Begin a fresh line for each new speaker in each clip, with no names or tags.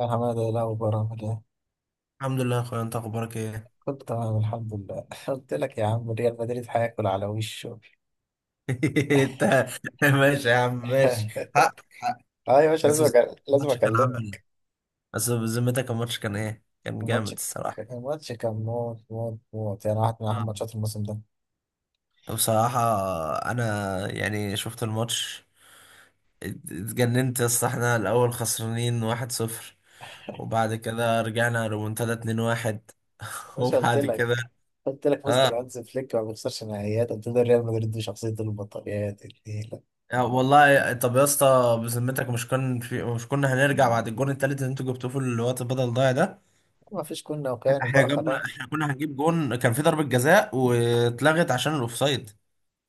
يا حمادة إيه الأخبار عامل إيه؟
الحمد لله يا اخويا، انت اخبارك ايه؟
كنت تمام الحمد لله قلت لك يا عم ريال مدريد هياكل على وشه.
انت ماشي يا عم ماشي. حق حق.
أه يا باشا
بس بس-
لازم
الماتش كان عامل ايه؟
أكلمك.
بس بذمتك الماتش كان ايه؟ كان جامد
الماتش
الصراحه.
الماتش كان موت موت موت، يعني واحد من أهم
نعم.
ماتشات الموسم ده.
بصراحه انا يعني شفت الماتش. اتجننت يا اسطى، احنا الاول خسرانين 1-0 وبعد كده رجعنا ريمونتادا 2-1.
يا باشا
وبعد كده
قلت لك
اه.
مستر هانز فليك ما بيخسرش نهائيات، قلت له ريال مدريد دي شخصية البطاريات النيلة.
يا والله، طب يا اسطى بذمتك مش كان في مش كنا هنرجع بعد الجون التالت اللي انتوا جبتوه في الوقت بدل ضايع ده؟
ما فيش كنا وكانوا بقى خلاص.
احنا كنا هنجيب جون، كان في ضربة جزاء واتلغت عشان الاوفسايد.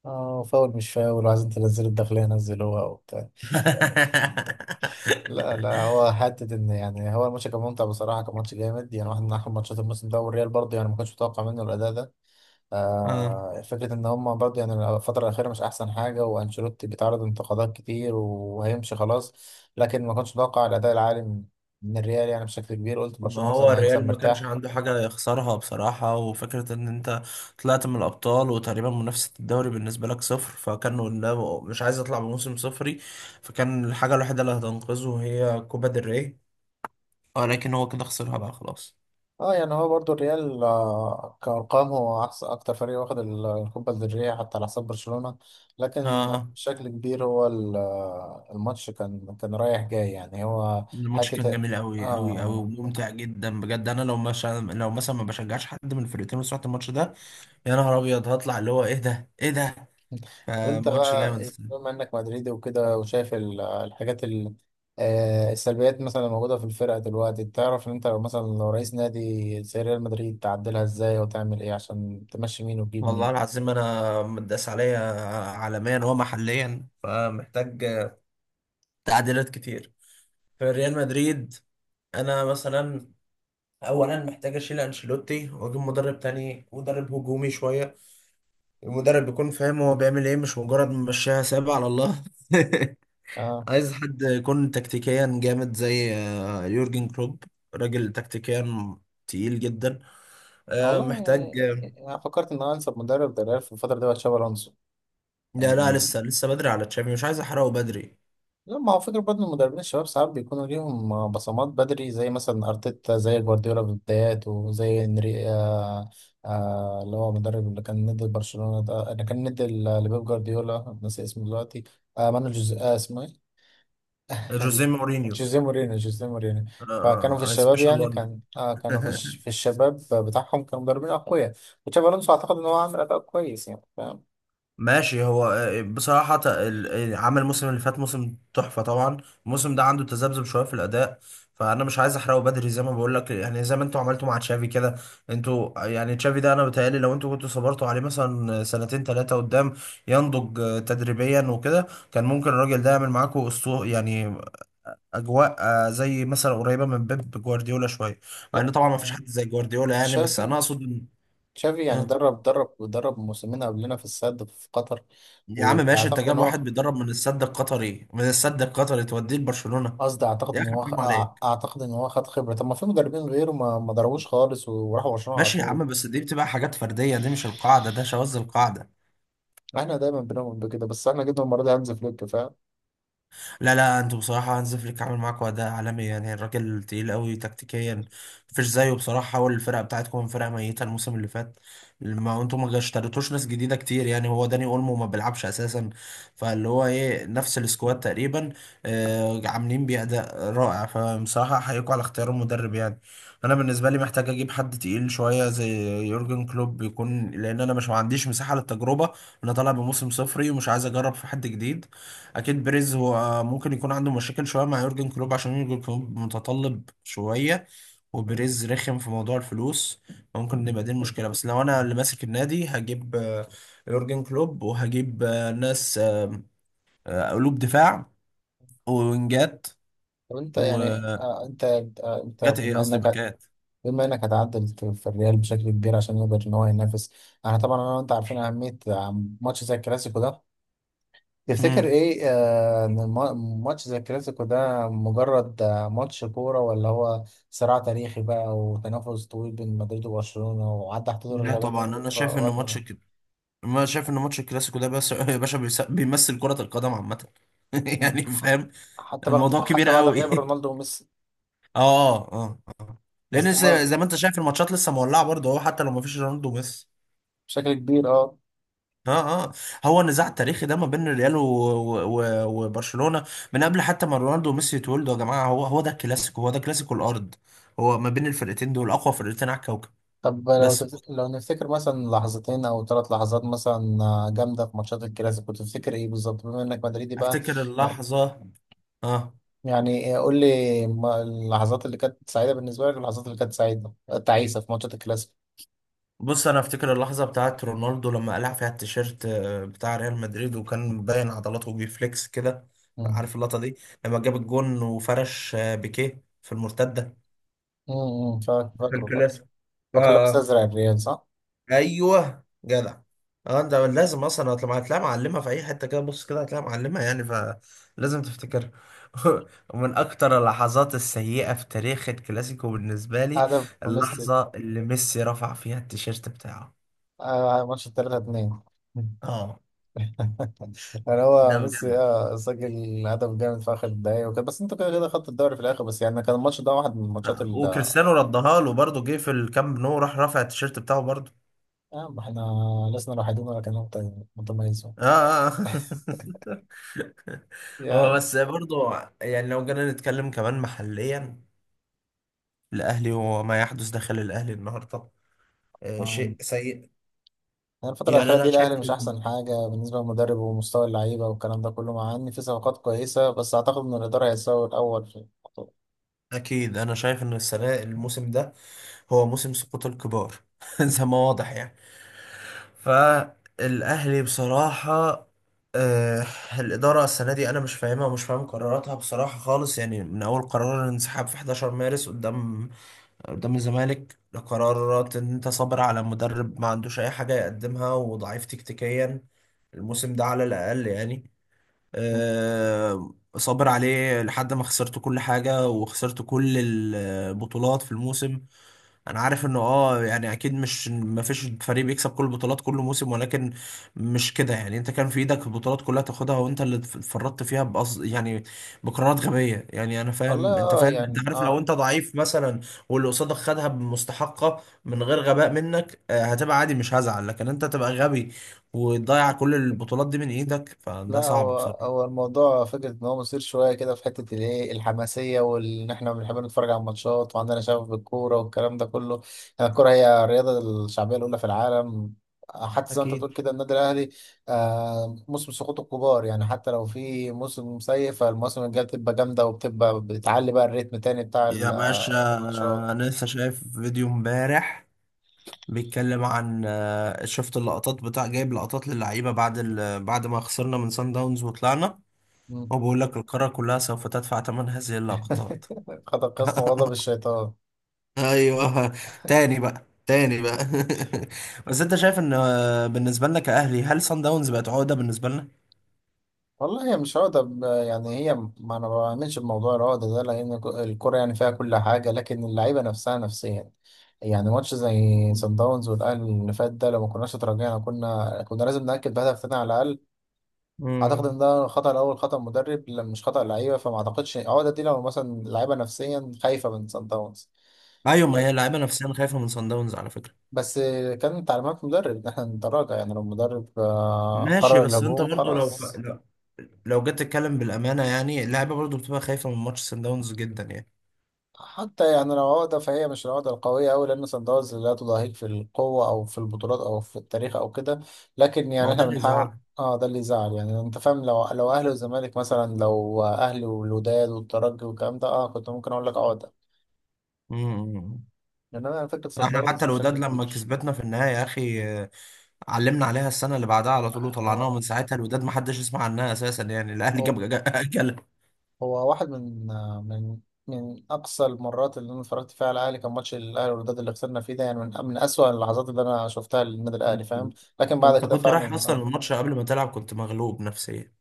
اه فاول مش فاول وعايزين تنزلوا الداخلية نزلوها وبتاع. لا لا، هو حتة إن هو الماتش كان ممتع بصراحة، كان ماتش جامد، يعني واحد من أحلى ماتشات الموسم ده. والريال برضه يعني ما كنتش متوقع منه الأداء ده.
اه.
آه فكرة إن هما برضه يعني الفترة الأخيرة مش أحسن حاجة، وأنشيلوتي بيتعرض لانتقادات كتير وهيمشي خلاص. لكن ما كنتش متوقع الأداء العالي من الريال، يعني بشكل كبير قلت
ما
برشلونة
هو
مثلا هيكسب
الريال ما كانش
مرتاح.
عنده حاجة يخسرها بصراحة، وفكرة ان انت طلعت من الابطال وتقريبا منافسة الدوري بالنسبة لك صفر، فكان قدامه مش عايز يطلع بموسم صفري، فكان الحاجة الوحيدة اللي هتنقذه هي كوبا دري، ولكن هو كده خسرها بقى خلاص.
اه يعني هو برضو الريال، كأرقام هو أحسن أكتر فريق واخد الكوبا الذرية حتى على حساب برشلونة. لكن
اه.
بشكل كبير هو الماتش كان رايح جاي، يعني هو
الماتش
حتة
كان جميل
اه
قوي قوي قوي
اه.
وممتع جدا بجد. انا لو مثلا لو مثلا ما بشجعش حد من الفرقتين وسمعت الماتش ده، يا نهار ابيض، هطلع اللي هو ايه ده ايه ده.
طب انت
فماتش
بقى
جامد.
إيه، بما انك مدريدي وكده وشايف الحاجات السلبيات مثلا الموجودة في الفرقة دلوقتي، تعرف ان انت لو مثلا لو رئيس نادي زي ريال مدريد تعدلها ازاي وتعمل ايه عشان تمشي مين وتجيب
والله
مين.
العظيم انا متداس عليا عالميا ومحليا، فمحتاج تعديلات كتير في ريال مدريد. انا مثلا اولا محتاج اشيل انشيلوتي واجيب مدرب تاني، مدرب هجومي شويه. المدرب يكون فاهم هو بيعمل ايه، مش مجرد ممشيها سابع على الله.
اه
عايز حد يكون تكتيكيا جامد زي يورجن كلوب. راجل تكتيكيا تقيل جدا. آه،
والله،
محتاج آه،
يعني انا فكرت ان انا انسب مدرب ده ريال في الفتره دي هو تشابي الونسو.
لا لا،
يعني
لسه لسه بدري على تشافي، مش عايز احرقه بدري.
لما هو فكره برضه المدربين الشباب ساعات بيكونوا ليهم بصمات بدري، زي مثلا ارتيتا، زي جوارديولا في بداياته، زي انري آه، آه اللي هو المدرب اللي كان ندي برشلونه ده، اللي كان ندي لبيب جوارديولا، ناسي اسمه دلوقتي. آه مانو جوز آه اسمه ايه.
جوزيه مورينيو.
جوزيه جوزيه مورينو. فكانوا في الشباب،
سبيشال
يعني
وان.
كان آه كانوا في الشباب بتاعهم كانوا مدربين اقوياء. وتشابي الونسو اعتقد ان هو عامل اداء كويس، يعني فاهم.
ماشي. هو بصراحة عمل الموسم اللي فات موسم تحفة طبعا. الموسم ده عنده تذبذب شوية في الأداء، فأنا مش عايز أحرقه بدري زي ما بقول لك. يعني زي ما أنتوا عملتوا مع تشافي كده. أنتوا يعني تشافي ده أنا بيتهيألي لو أنتوا كنتوا صبرتوا عليه مثلا سنتين ثلاثة قدام، ينضج تدريبيا وكده، كان ممكن الراجل ده يعمل معاكوا أسطو يعني. أجواء زي مثلا قريبة من بيب جوارديولا شوية، مع إن
لا
طبعا ما فيش
آه،
حد زي جوارديولا يعني، بس أنا
تشافي،
أقصد إن-
تشافي يعني
آه.
درب درب ودرب موسمين قبلنا في السد في قطر.
يا عم ماشي، انت
واعتقد
جايب
ان
واحد
هو
بيدرب من السد القطري من السد القطري توديه لبرشلونة؟
قصدي اعتقد
يا
ان
اخي
هو
حرام عليك.
أع- اعتقد ان هو خد خبره، طب ما في مدربين غيره ما ضربوش خالص وراحوا برشلونه على
ماشي يا
طول.
عم، بس دي بتبقى حاجات فردية، دي مش القاعدة، ده شواذ القاعدة.
احنا دايما بنؤمن بكده، بس احنا جبنا المره دي هانز فليك فاهم.
لا لا، انتوا بصراحة هانز فليك عامل معاكوا أداء عالمي يعني، الراجل تقيل قوي تكتيكيا، مفيش زيه بصراحة. حول الفرقة بتاعتكم من فرقة ميتة الموسم اللي فات. ما انتوا ما اشتريتوش ناس جديدة كتير يعني، هو داني اولمو ما بيلعبش أساسا، فاللي هو ايه نفس السكواد تقريبا، آه، عاملين بيه أداء رائع. فبصراحة أحييكوا على اختيار المدرب يعني. أنا بالنسبة لي محتاج أجيب حد تقيل شوية زي يورجن كلوب يكون، لأن أنا مش ما عنديش مساحة للتجربة. أنا طالع بموسم صفري ومش عايز أجرب في حد جديد. اكيد بريز هو ممكن يكون عنده مشاكل شويه مع يورجن كلوب، عشان يورجن كلوب متطلب شويه وبريز رخم في موضوع الفلوس، ممكن نبقى دي المشكله. بس لو انا اللي ماسك النادي هجيب يورجن كلوب، وهجيب آه، ناس آه، آه، قلوب دفاع ووينجات
طب انت يعني
وجات.
آه، انت
ايه قصدي باكات.
بما انك هتعدل في الريال بشكل كبير عشان يقدر ان هو ينافس. انا طبعا انا وانت عارفين اهميه آه، ماتش زي الكلاسيكو ده.
مم.
تفتكر ايه آه، ان ماتش زي الكلاسيكو ده مجرد آه، ماتش كورة، ولا هو صراع تاريخي بقى وتنافس طويل بين مدريد وبرشلونة وعدى حدود
لا
الرياضة
طبعا،
ممكن
انا
في
شايف ان
وقتنا
ماتش
ده.
كده، ما شايف ان ماتش الكلاسيكو ده بس يا باشا، بيمثل كرة القدم عامة.
مم.
يعني فاهم.
حتى بعد
الموضوع كبير قوي.
غياب رونالدو وميسي
اه اه اه اه. لان
استمر
زي ما انت شايف، الماتشات لسه مولعه برضه اهو حتى لو ما فيش رونالدو بس.
بشكل كبير اه.
اه اه. هو النزاع التاريخي ده ما بين الريال و... و... و... وبرشلونه، من قبل حتى ما رونالدو وميسي يتولدوا يا جماعه. هو هو ده الكلاسيكو، هو ده كلاسيكو الارض. هو ما بين الفرقتين دول اقوى فرقتين على الكوكب.
طب لو
بس
تفت... لو نفتكر مثلا لحظتين او ثلاث لحظات مثلا آه، جامدة في ماتشات الكلاسيكو، تفتكر ايه بالظبط بما انك مدريدي بقى؟
افتكر اللحظه. اه.
يعني قول لي ما- اللحظات اللي كانت سعيدة تعيسة في ماتشات الكلاسيكو.
بص انا افتكر اللحظه بتاعت رونالدو لما قلع فيها التيشيرت بتاع ريال مدريد، وكان مبين عضلاته وبيفليكس كده.
امم.
عارف اللقطه دي، لما جاب الجون وفرش بيكيه في المرتده
امم،
في
فاكر.
الكلاسيكو. اه
فاكر لابس
آه.
ازرق الريال صح؟
ايوه جدع. اه ده لازم اصلا هتلاقيها، هتلاقيها معلمه في اي حته كده، بص كده هتلاقيها معلمه يعني، فلازم تفتكرها. ومن اكتر اللحظات السيئه في تاريخ الكلاسيكو بالنسبه لي،
هدف ميسي
اللحظه اللي ميسي رفع فيها التيشيرت بتاعه.
آه، ماتش 3-2.
اه
يعني هو
ده
ميسي
بجد.
اه سجل هدف جامد في اخر الدقايق وكده، بس انتوا كده كده خدتوا الدوري في الاخر، بس يعني كان الماتش ده واحد من الماتشات
وكريستيانو ردها له برضه، جه في الكامب نو راح رافع التيشيرت بتاعه برضه.
آه، ما احنا لسنا الوحيدين ولا كان متميزون
اه اه آه. هو
يعني.
بس برضه، يعني لو جينا نتكلم كمان محليا، الاهلي وما يحدث داخل الاهلي النهارده آه
آه.
شيء سيء.
يعني الفترة
يعني
الأخيرة دي الأهلي مش أحسن حاجة بالنسبة للمدرب ومستوى اللعيبة والكلام ده كله، مع إن في صفقات كويسة، بس أعتقد إن الإدارة هيساوي الأول في الموضوع.
اكيد انا شايف ان السنه، الموسم ده هو موسم سقوط الكبار. زي ما واضح يعني. فالاهلي بصراحه آه، الإدارة السنة دي أنا مش فاهمها ومش فاهم قراراتها بصراحة خالص. يعني من أول قرار الانسحاب في 11 مارس قدام الزمالك، لقرارات إن أنت صابر على مدرب ما عندوش أي حاجة يقدمها، وضعيف تكتيكيا الموسم ده على الأقل يعني، صابر عليه لحد ما خسرت كل حاجة وخسرت كل البطولات في الموسم. انا عارف انه اه يعني اكيد مش، ما فيش فريق بيكسب كل البطولات كل موسم، ولكن مش كده يعني. انت كان في ايدك البطولات كلها تاخدها وانت اللي اتفرطت فيها بقصد يعني، بقرارات غبيه يعني. انا
والله
فاهم، انت
آه
فاهم، انت
يعني
عارف لو
آه.
انت ضعيف مثلا واللي قصادك خدها بمستحقه من غير غباء منك، هتبقى عادي، مش هزعل. لكن انت تبقى غبي وتضيع كل البطولات دي من ايدك،
لا،
فده
هو
صعب بصراحه.
هو الموضوع فكرة إن هو مثير شوية كده في حتة الإيه الحماسية، وإن إحنا بنحب نتفرج على الماتشات وعندنا شغف بالكورة والكلام ده كله، يعني الكورة هي الرياضة الشعبية الأولى في العالم، حتى زي ما أنت
أكيد.
بتقول كده النادي الأهلي آه موسم سقوط الكبار، يعني حتى لو في موسم سيء فالموسم الجاي بتبقى جامدة وبتبقى بتعلي بقى الريتم تاني بتاع
يا
آه،
باشا
الماتشات،
انا لسه شايف فيديو امبارح بيتكلم عن شفت اللقطات، بتاع جايب لقطات للعيبه بعد ما خسرنا من سان داونز وطلعنا.
مم.
هو بيقول لك القاره كلها سوف تدفع ثمن هذه اللقطات.
خد القسم وغضب الشيطان.
ايوه. تاني بقى، تاني بقى. بس انت شايف ان بالنسبه لنا كاهلي، هل سان داونز بقت عقده بالنسبه لنا؟
والله هي مش عقدة يعني هي ما بعملش بموضوع العقدة ده لأن الكرة يعني فيها كل حاجة لكن اللعيبة نفسها نفسيا، يعني ماتش زي سان داونز والأهلي اللي فات ده، لو ما كناش اتراجعنا كنا لازم نأكد بهدف تاني على الأقل. أعتقد إن
مم.
ده خطأ الأول، خطأ مدرب مش خطأ لعيبة، فما أعتقدش العقدة دي لو مثلا اللعيبة نفسيا خايفة من سان داونز.
ايوه، ما هي
لك-
اللعيبه نفسيا خايفه من سان داونز على فكره.
بس كان تعليمات مدرب إن إحنا نتراجع، يعني لو المدرب آه،
ماشي
قرر
بس انت
الهجوم
برضو
خلاص.
لا. لو جيت تتكلم بالامانه يعني، اللعيبه برضو بتبقى خايفه من ماتش سان داونز جدا يعني.
حتى يعني لو عقدة فهي مش العقدة القوية أوي، لأن صن داونز لا تضاهيك في القوة أو في البطولات أو في التاريخ أو كده. لكن
ما
يعني
هو ده
إحنا
اللي
بنحاول
يزعل.
اه، ده اللي يزعل، يعني انت فاهم لو اهلي والزمالك مثلا، لو اهلي والوداد والترجي والكلام ده اه كنت ممكن اقول لك عقده.
مم.
انما انا فكره صن
احنا
داونز
حتى
بشكل
الوداد لما
كبير.
كسبتنا في النهاية يا اخي، علمنا عليها السنة اللي بعدها على
آه،
طول وطلعناها، من ساعتها الوداد ما حدش يسمع عنها اساسا يعني. الاهلي
هو
جاب جل.
هو واحد من من اقصى المرات اللي انا اتفرجت فيها على الاهلي، كان ماتش الاهلي والوداد اللي خسرنا فيه ده، يعني من من اسوأ اللحظات اللي انا شفتها للنادي الاهلي فاهم. لكن بعد
انت
كده
كنت رايح
فعلا
اصلا
اه،
الماتش قبل ما تلعب كنت مغلوب نفسيا.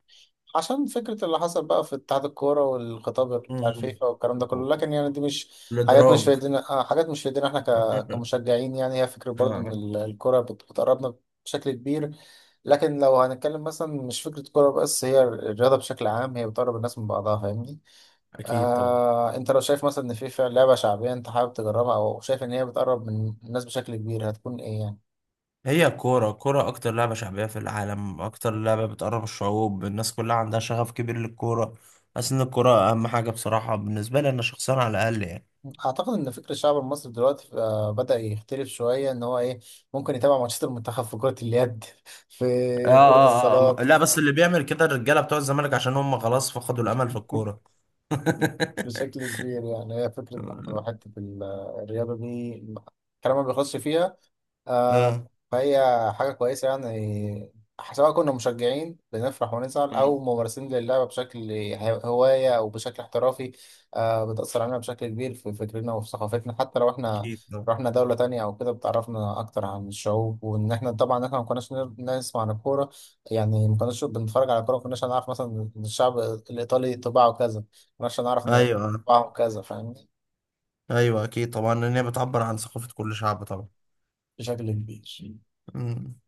عشان فكرة اللي حصل بقى في اتحاد الكورة والخطاب بتاع
مم.
الفيفا والكلام ده كله، لكن يعني دي مش حاجات مش في
الادراج.
ايدينا، آه، حاجات مش في ايدينا احنا كمشجعين، يعني هي فكرة برضو ان
اه.
الكورة بتقربنا بشكل كبير. لكن لو هنتكلم مثلا مش فكرة كورة بس، هي الرياضة بشكل عام هي بتقرب الناس من بعضها فاهمني.
اكيد طبعا.
آه انت لو شايف مثلا ان في فعلا لعبة شعبية انت حابب تجربها او شايف ان هي بتقرب من الناس بشكل كبير هتكون ايه يعني؟
هي الكوره، الكوره اكتر لعبه شعبيه في العالم، اكتر لعبه بتقرب الشعوب، الناس كلها عندها شغف كبير للكوره. حاسس ان الكوره اهم حاجه بصراحه بالنسبه لي انا شخصيا، على الاقل يعني.
اعتقد ان فكر الشعب المصري دلوقتي آه، بدأ يختلف شويه ان هو ايه، ممكن يتابع ماتشات المنتخب في كره اليد، في
اه
كره
اه اه
الصالات
لا، بس اللي بيعمل كده الرجاله بتوع الزمالك عشان هم خلاص فقدوا الامل في الكوره.
بشكل كبير. يعني هي فكره برضه حته الرياضه دي الكلام ما بيخلصش فيها آه،
اه.
فهي حاجة كويسة يعني، سواء كنا مشجعين بنفرح ونزعل أو
مم.
ممارسين للعبة بشكل هواية أو بشكل احترافي، آه بتأثر علينا بشكل كبير في فكرنا وفي ثقافتنا، حتى لو احنا
اكيد طبعا.
رحنا دولة تانية أو كده بتعرفنا أكتر عن الشعوب. وإن احنا طبعا احنا ما كناش نسمع عن الكورة، يعني ما كناش بنتفرج على الكورة، ما كناش هنعرف مثلا إن الشعب الإيطالي طباعه كذا، ما كناش هنعرف إن
ايوه.
طباعه كذا فاهمني،
ايوه اكيد طبعا، لان هي بتعبر عن ثقافه كل شعب طبعا.
بشكل كبير.
مم.